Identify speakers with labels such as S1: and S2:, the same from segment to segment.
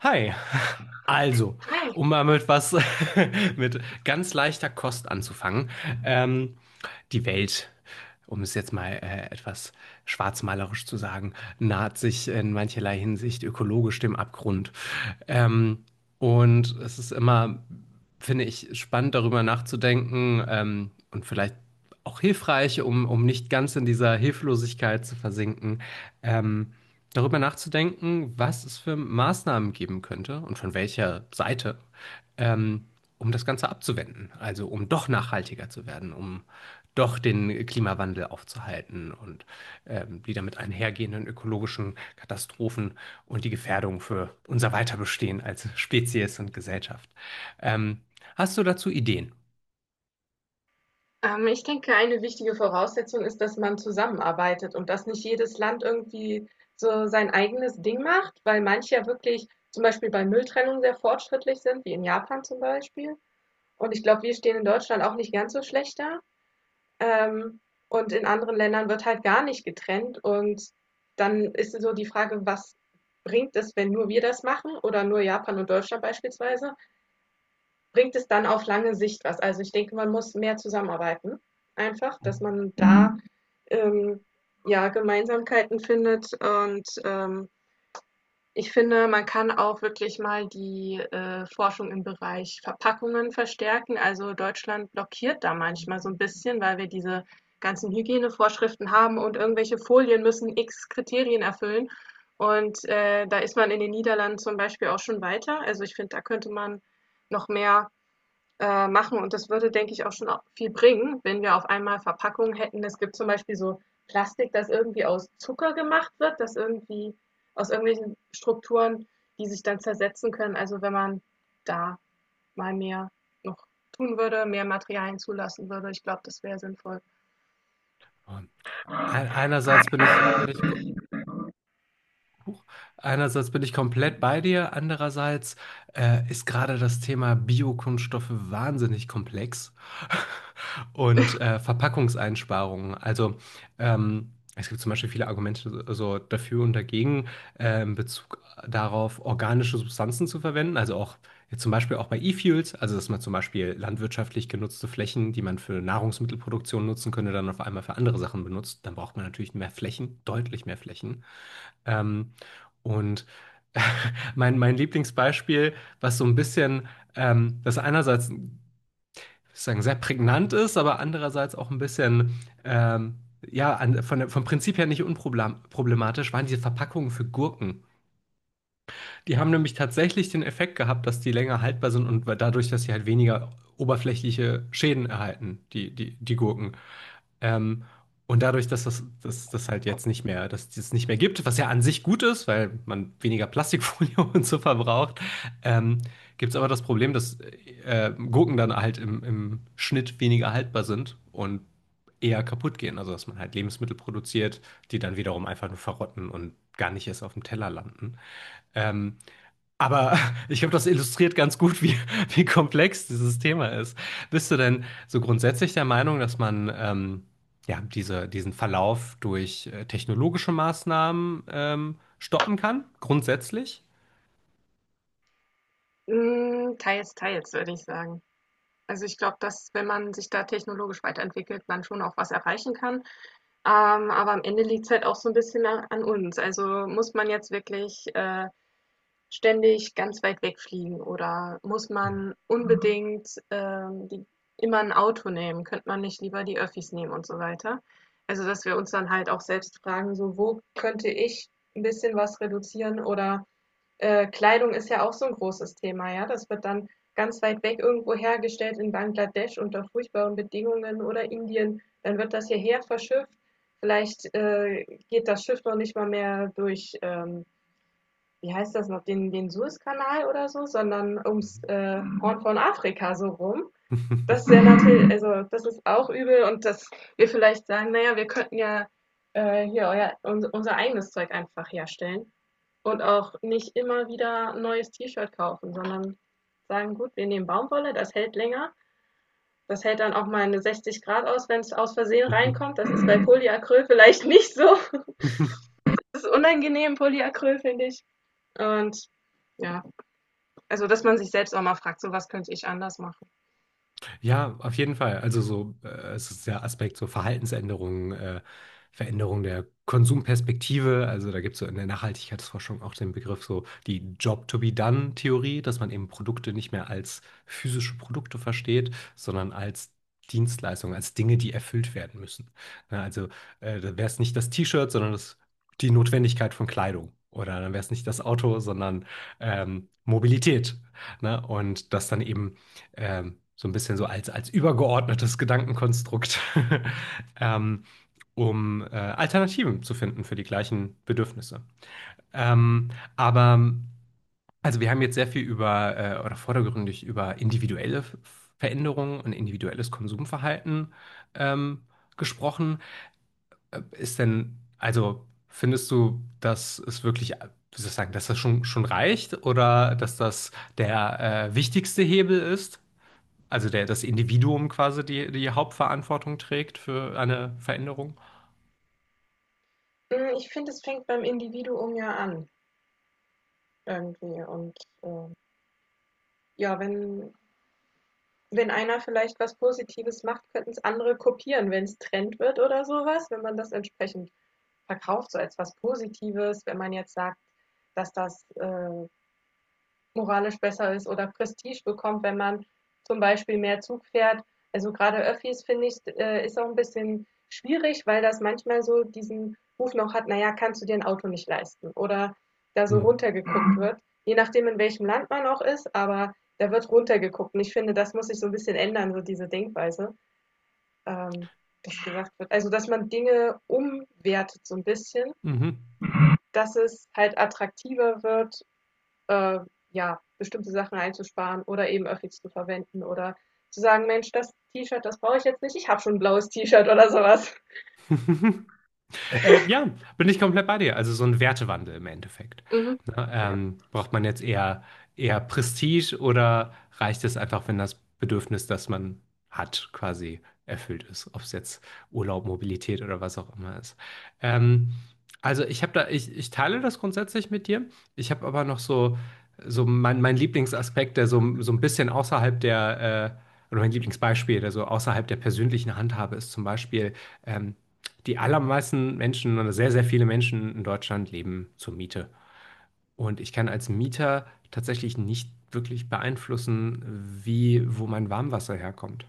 S1: Hi. Also,
S2: Hi.
S1: um mal mit was mit ganz leichter Kost anzufangen. Ähm, die Welt, um es jetzt mal etwas schwarzmalerisch zu sagen, naht sich in mancherlei Hinsicht ökologisch dem Abgrund. Ähm, und es ist immer, finde ich, spannend darüber nachzudenken, und vielleicht auch hilfreich, um nicht ganz in dieser Hilflosigkeit zu versinken. Ähm, darüber nachzudenken, was es für Maßnahmen geben könnte und von welcher Seite, ähm, um das Ganze abzuwenden. Also um doch nachhaltiger zu werden, um doch den Klimawandel aufzuhalten und die damit einhergehenden ökologischen Katastrophen und die Gefährdung für unser Weiterbestehen als Spezies und Gesellschaft. Ähm, hast du dazu Ideen?
S2: Ich denke, eine wichtige Voraussetzung ist, dass man zusammenarbeitet und dass nicht jedes Land irgendwie so sein eigenes Ding macht, weil manche ja wirklich zum Beispiel bei Mülltrennung sehr fortschrittlich sind, wie in Japan zum Beispiel. Und ich glaube, wir stehen in Deutschland auch nicht ganz so schlecht da. Ähm, und in anderen Ländern wird halt gar nicht getrennt. Und dann ist so die Frage, was bringt es, wenn nur wir das machen oder nur Japan und Deutschland beispielsweise? Bringt es dann auf lange Sicht was? Also ich denke, man muss mehr zusammenarbeiten, einfach, dass man da ähm, ja Gemeinsamkeiten findet. Und ich finde, man kann auch wirklich mal die Forschung im Bereich Verpackungen verstärken. Also Deutschland blockiert da manchmal so ein bisschen, weil wir diese ganzen Hygienevorschriften haben und irgendwelche Folien müssen x Kriterien erfüllen. Und da ist man in den Niederlanden zum Beispiel auch schon weiter. Also ich finde, da könnte man noch mehr machen, und das würde, denke ich, auch schon viel bringen, wenn wir auf einmal Verpackungen hätten. Es gibt zum Beispiel so Plastik, das irgendwie aus Zucker gemacht wird, das irgendwie aus irgendwelchen Strukturen, die sich dann zersetzen können. Also wenn man da mal mehr noch tun würde, mehr Materialien zulassen würde, ich glaube, das wäre sinnvoll.
S1: Ein- Einerseits Buch. Bin ich komplett bei dir, andererseits ist gerade das Thema Biokunststoffe wahnsinnig komplex und Verpackungseinsparungen. Also es gibt zum Beispiel viele Argumente so dafür und dagegen in Bezug darauf, organische Substanzen zu verwenden. Also auch jetzt zum Beispiel auch bei E-Fuels, also dass man zum Beispiel landwirtschaftlich genutzte Flächen, die man für Nahrungsmittelproduktion nutzen könnte, dann auf einmal für andere Sachen benutzt. Dann braucht man natürlich mehr Flächen, deutlich mehr Flächen. Ähm, und mein Lieblingsbeispiel, was so ein bisschen, das einerseits sehr prägnant ist, aber andererseits auch ein bisschen, ja, vom Prinzip her nicht unproblematisch, waren diese Verpackungen für Gurken. Die haben nämlich tatsächlich den Effekt gehabt, dass die länger haltbar sind und dadurch, dass sie halt weniger oberflächliche Schäden erhalten, die Gurken. Ähm, und dadurch, dass das halt jetzt nicht mehr, dass es das nicht mehr gibt, was ja an sich gut ist, weil man weniger Plastikfolie und so verbraucht, ähm, gibt es aber das Problem, dass Gurken dann halt im Schnitt weniger haltbar sind und eher kaputt gehen. Also, dass man halt Lebensmittel produziert, die dann wiederum einfach nur verrotten und gar nicht erst auf dem Teller landen. Ähm, aber ich glaube, das illustriert ganz gut, wie komplex dieses Thema ist. Bist du denn so grundsätzlich der Meinung, dass man ja, diesen Verlauf durch technologische Maßnahmen stoppen kann? Grundsätzlich?
S2: Teils, teils, würde ich sagen. Also, ich glaube, dass, wenn man sich da technologisch weiterentwickelt, man schon auch was erreichen kann. Aber am Ende liegt es halt auch so ein bisschen a an uns. Also, muss man jetzt wirklich, ständig ganz weit wegfliegen oder muss man, mhm, unbedingt, die immer ein Auto nehmen? Könnte man nicht lieber die Öffis nehmen und so weiter? Also, dass wir uns dann halt auch selbst fragen, so: „Wo könnte ich ein bisschen was reduzieren oder Kleidung ist ja auch so ein großes Thema, ja? Das wird dann ganz weit weg irgendwo hergestellt in Bangladesch unter furchtbaren Bedingungen oder Indien. Dann wird das hierher verschifft. Vielleicht, geht das Schiff noch nicht mal mehr durch, wie heißt das noch, den Suezkanal oder so, sondern ums, Horn von Afrika so rum. Das wäre natürlich, also das ist auch übel, und dass wir vielleicht sagen, naja, wir könnten ja hier unser eigenes Zeug einfach herstellen und auch nicht immer wieder ein neues T-Shirt kaufen, sondern sagen, gut, wir nehmen Baumwolle, das hält länger, das hält dann auch mal eine 60 Grad aus, wenn es aus Versehen reinkommt. Das ist bei Polyacryl vielleicht nicht so. Das ist unangenehm, Polyacryl, finde ich. Und ja, also dass man sich selbst auch mal fragt, so was könnte ich anders machen.
S1: Ja, auf jeden Fall. Also so, es ist der Aspekt so Verhaltensänderungen, Veränderung der Konsumperspektive. Also da gibt es so in der Nachhaltigkeitsforschung auch den Begriff so die Job-to-be-done-Theorie, dass man eben Produkte nicht mehr als physische Produkte versteht, sondern als Dienstleistungen, als Dinge, die erfüllt werden müssen. Ja, also da wäre es nicht das T-Shirt, sondern die Notwendigkeit von Kleidung. Oder dann wäre es nicht das Auto, sondern Mobilität. Ne? Und dass dann eben so ein bisschen als übergeordnetes Gedankenkonstrukt, ähm, um Alternativen zu finden für die gleichen Bedürfnisse. Ähm, aber also wir haben jetzt sehr viel über oder vordergründig über individuelle Veränderungen und individuelles Konsumverhalten ähm, gesprochen. Ist denn, also findest du, dass es wirklich, wie soll ich sagen, dass schon reicht oder dass das der wichtigste Hebel ist? Also das Individuum quasi die Hauptverantwortung trägt für eine Veränderung?
S2: Ich finde, es fängt beim Individuum ja an. Irgendwie, und ähm, ja, wenn einer vielleicht was Positives macht, könnten es andere kopieren, wenn es Trend wird oder sowas, wenn man das entsprechend verkauft, so als was Positives. Wenn man jetzt sagt, dass das moralisch besser ist oder Prestige bekommt, wenn man zum Beispiel mehr Zug fährt. Also gerade Öffis, finde ich, ist auch ein bisschen schwierig, weil das manchmal so diesen Ruf noch hat, naja, kannst du dir ein Auto nicht leisten, oder da so
S1: Hm.
S2: runtergeguckt wird, je nachdem in welchem Land man auch ist, aber da wird runtergeguckt, und ich finde, das muss sich so ein bisschen ändern, so diese Denkweise, ähm, das gesagt wird. Also, dass man Dinge umwertet so ein bisschen,
S1: Mhm.
S2: dass es halt attraktiver wird, äh, ja, bestimmte Sachen einzusparen oder eben Öffis zu verwenden oder zu sagen, Mensch, das T-Shirt, das brauche ich jetzt nicht, ich habe schon ein blaues T-Shirt oder sowas.
S1: Ja, bin ich komplett bei dir. Also so ein Wertewandel im Endeffekt.
S2: Mhm.
S1: Ne?
S2: Ja.
S1: Braucht man jetzt eher, eher Prestige oder reicht es einfach, wenn das Bedürfnis, das man hat, quasi erfüllt ist? Ob es jetzt Urlaub, Mobilität oder was auch immer ist. Ähm, also ich habe da, ich teile das grundsätzlich mit dir. Ich habe aber noch so, so mein Lieblingsaspekt, der so, so ein bisschen außerhalb der, oder mein Lieblingsbeispiel, der so außerhalb der persönlichen Handhabe ist, zum Beispiel. Ähm, die allermeisten Menschen oder sehr, sehr viele Menschen in Deutschland leben zur Miete. Und ich kann als Mieter tatsächlich nicht wirklich beeinflussen, wie, wo mein Warmwasser herkommt.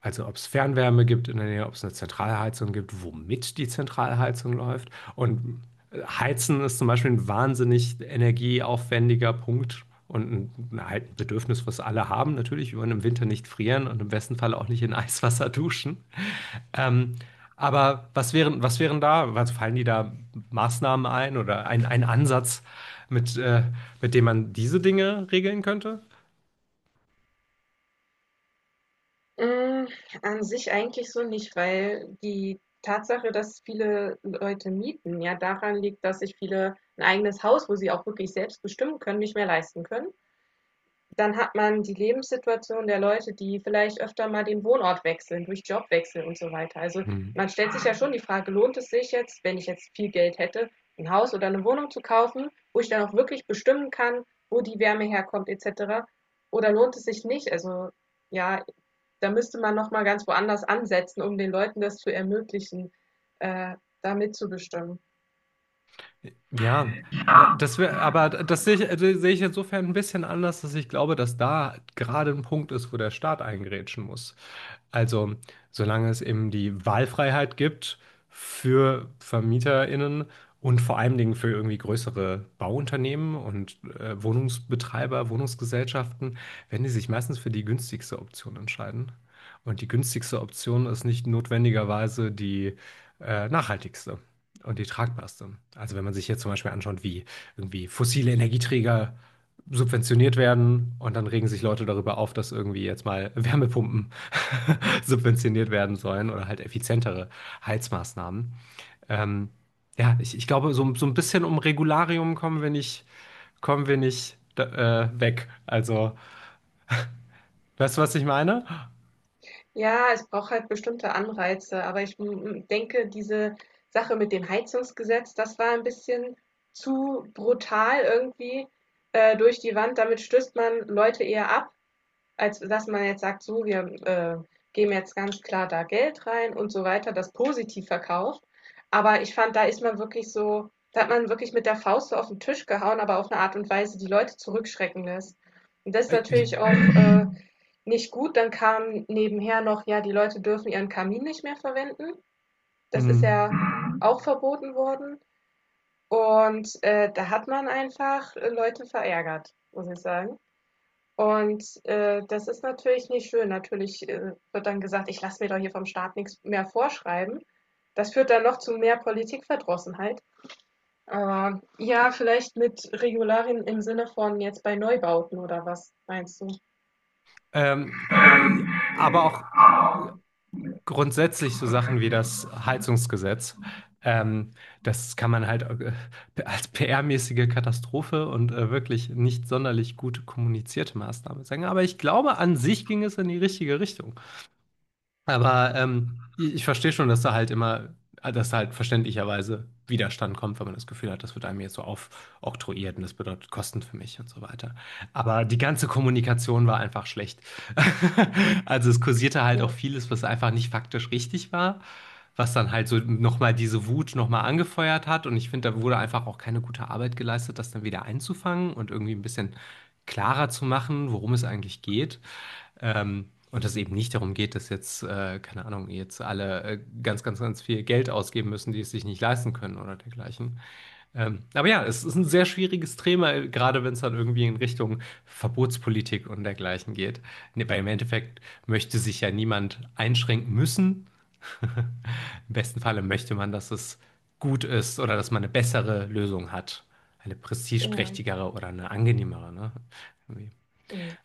S1: Also ob es Fernwärme gibt in der Nähe, ob es eine Zentralheizung gibt, womit die Zentralheizung läuft. Und Heizen ist zum Beispiel ein wahnsinnig energieaufwendiger Punkt und halt Bedürfnis, was alle haben. Natürlich, wir wollen im Winter nicht frieren und im besten Fall auch nicht in Eiswasser duschen. Ähm, aber was wären da, also fallen die da Maßnahmen ein oder ein Ansatz, mit, äh, mit dem man diese Dinge regeln könnte?
S2: Mm, An sich eigentlich so nicht, weil die Tatsache, dass viele Leute mieten, ja daran liegt, dass sich viele ein eigenes Haus, wo sie auch wirklich selbst bestimmen können, nicht mehr leisten können. Dann hat man die Lebenssituation der Leute, die vielleicht öfter mal den Wohnort wechseln, durch Jobwechsel und so weiter. Also
S1: Hm.
S2: man stellt sich ja schon die Frage, lohnt es sich jetzt, wenn ich jetzt viel Geld hätte, ein Haus oder eine Wohnung zu kaufen, wo ich dann auch wirklich bestimmen kann, wo die Wärme herkommt etc. Oder lohnt es sich nicht? Also ja, da müsste man noch mal ganz woanders ansetzen, um den Leuten das zu ermöglichen, äh, da mitzubestimmen.
S1: Ja,
S2: Ja,
S1: das wäre, aber das sehe ich insofern ein bisschen anders, dass ich glaube, dass da gerade ein Punkt ist, wo der Staat eingrätschen muss. Also, solange es eben die Wahlfreiheit gibt für VermieterInnen und vor allen Dingen für irgendwie größere Bauunternehmen und Wohnungsbetreiber, Wohnungsgesellschaften, werden die sich meistens für die günstigste Option entscheiden. Und die günstigste Option ist nicht notwendigerweise die nachhaltigste und die tragbarste. Also wenn man sich jetzt zum Beispiel anschaut, wie irgendwie fossile Energieträger subventioniert werden und dann regen sich Leute darüber auf, dass irgendwie jetzt mal Wärmepumpen subventioniert werden sollen oder halt effizientere Heizmaßnahmen. Ähm, ja, ich glaube, so, so ein bisschen um Regularium kommen wir nicht, kommen wir nicht weg. Also, weißt du, was ich meine?
S2: ja, es braucht halt bestimmte Anreize, aber ich denke, diese Sache mit dem Heizungsgesetz, das war ein bisschen zu brutal, irgendwie durch die Wand. Damit stößt man Leute eher ab, als dass man jetzt sagt, so, wir geben jetzt ganz klar da Geld rein und so weiter, das positiv verkauft. Aber ich fand, da ist man wirklich so, da hat man wirklich mit der Faust so auf den Tisch gehauen, aber auf eine Art und Weise, die Leute zurückschrecken lässt. Und das ist
S1: Äh, ich-
S2: natürlich auch nicht gut. Dann kam nebenher noch, ja, die Leute dürfen ihren Kamin nicht mehr verwenden. Das ist
S1: mh,
S2: ja auch verboten worden. Und da hat man einfach Leute verärgert, muss ich sagen. Und das ist natürlich nicht schön. Natürlich, wird dann gesagt: „Ich lasse mir doch hier vom Staat nichts mehr vorschreiben.“ Das führt dann noch zu mehr Politikverdrossenheit. Aber ja, vielleicht mit Regularien im Sinne von jetzt bei Neubauten, oder was meinst du?
S1: Ähm, äh, aber auch grundsätzlich so Sachen wie das Heizungsgesetz. Ähm, das kann man halt als PR-mäßige Katastrophe und wirklich nicht sonderlich gut kommunizierte Maßnahme sagen. Aber ich glaube, an sich ging es in die richtige Richtung. Aber ich verstehe schon, dass da halt immer, dass da halt verständlicherweise Widerstand kommt, wenn man das Gefühl hat, das wird einem jetzt so aufoktroyiert und das bedeutet Kosten für mich und so weiter. Aber die ganze Kommunikation war einfach schlecht. Also es kursierte halt auch
S2: Ja,
S1: vieles, was einfach nicht faktisch richtig war, was dann halt so nochmal diese Wut nochmal angefeuert hat. Und ich finde, da wurde einfach auch keine gute Arbeit geleistet, das dann wieder einzufangen und irgendwie ein bisschen klarer zu machen, worum es eigentlich geht. Und dass es eben nicht darum geht, dass jetzt, keine Ahnung, jetzt alle ganz viel Geld ausgeben müssen, die es sich nicht leisten können oder dergleichen. Aber ja, es ist ein sehr schwieriges Thema, gerade wenn es dann irgendwie in Richtung Verbotspolitik und dergleichen geht. Nee, weil im Endeffekt möchte sich ja niemand einschränken müssen. Im besten Falle möchte man, dass es gut ist oder dass man eine bessere Lösung hat. Eine
S2: ja.
S1: prestigeträchtigere oder eine angenehmere, ne? Irgendwie.
S2: Mhm.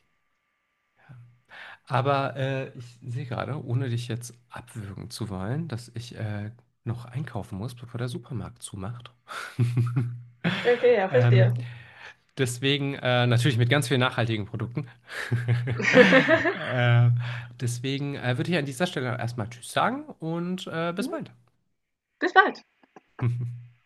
S1: Aber ich sehe gerade, ohne dich jetzt abwürgen zu wollen, dass ich noch einkaufen muss, bevor der Supermarkt zumacht.
S2: Okay, ja,
S1: Ähm,
S2: verstehe.
S1: deswegen natürlich mit ganz vielen nachhaltigen Produkten. äh, deswegen würde ich an dieser Stelle erstmal Tschüss sagen und bis
S2: Mhm.
S1: bald.
S2: Bis bald.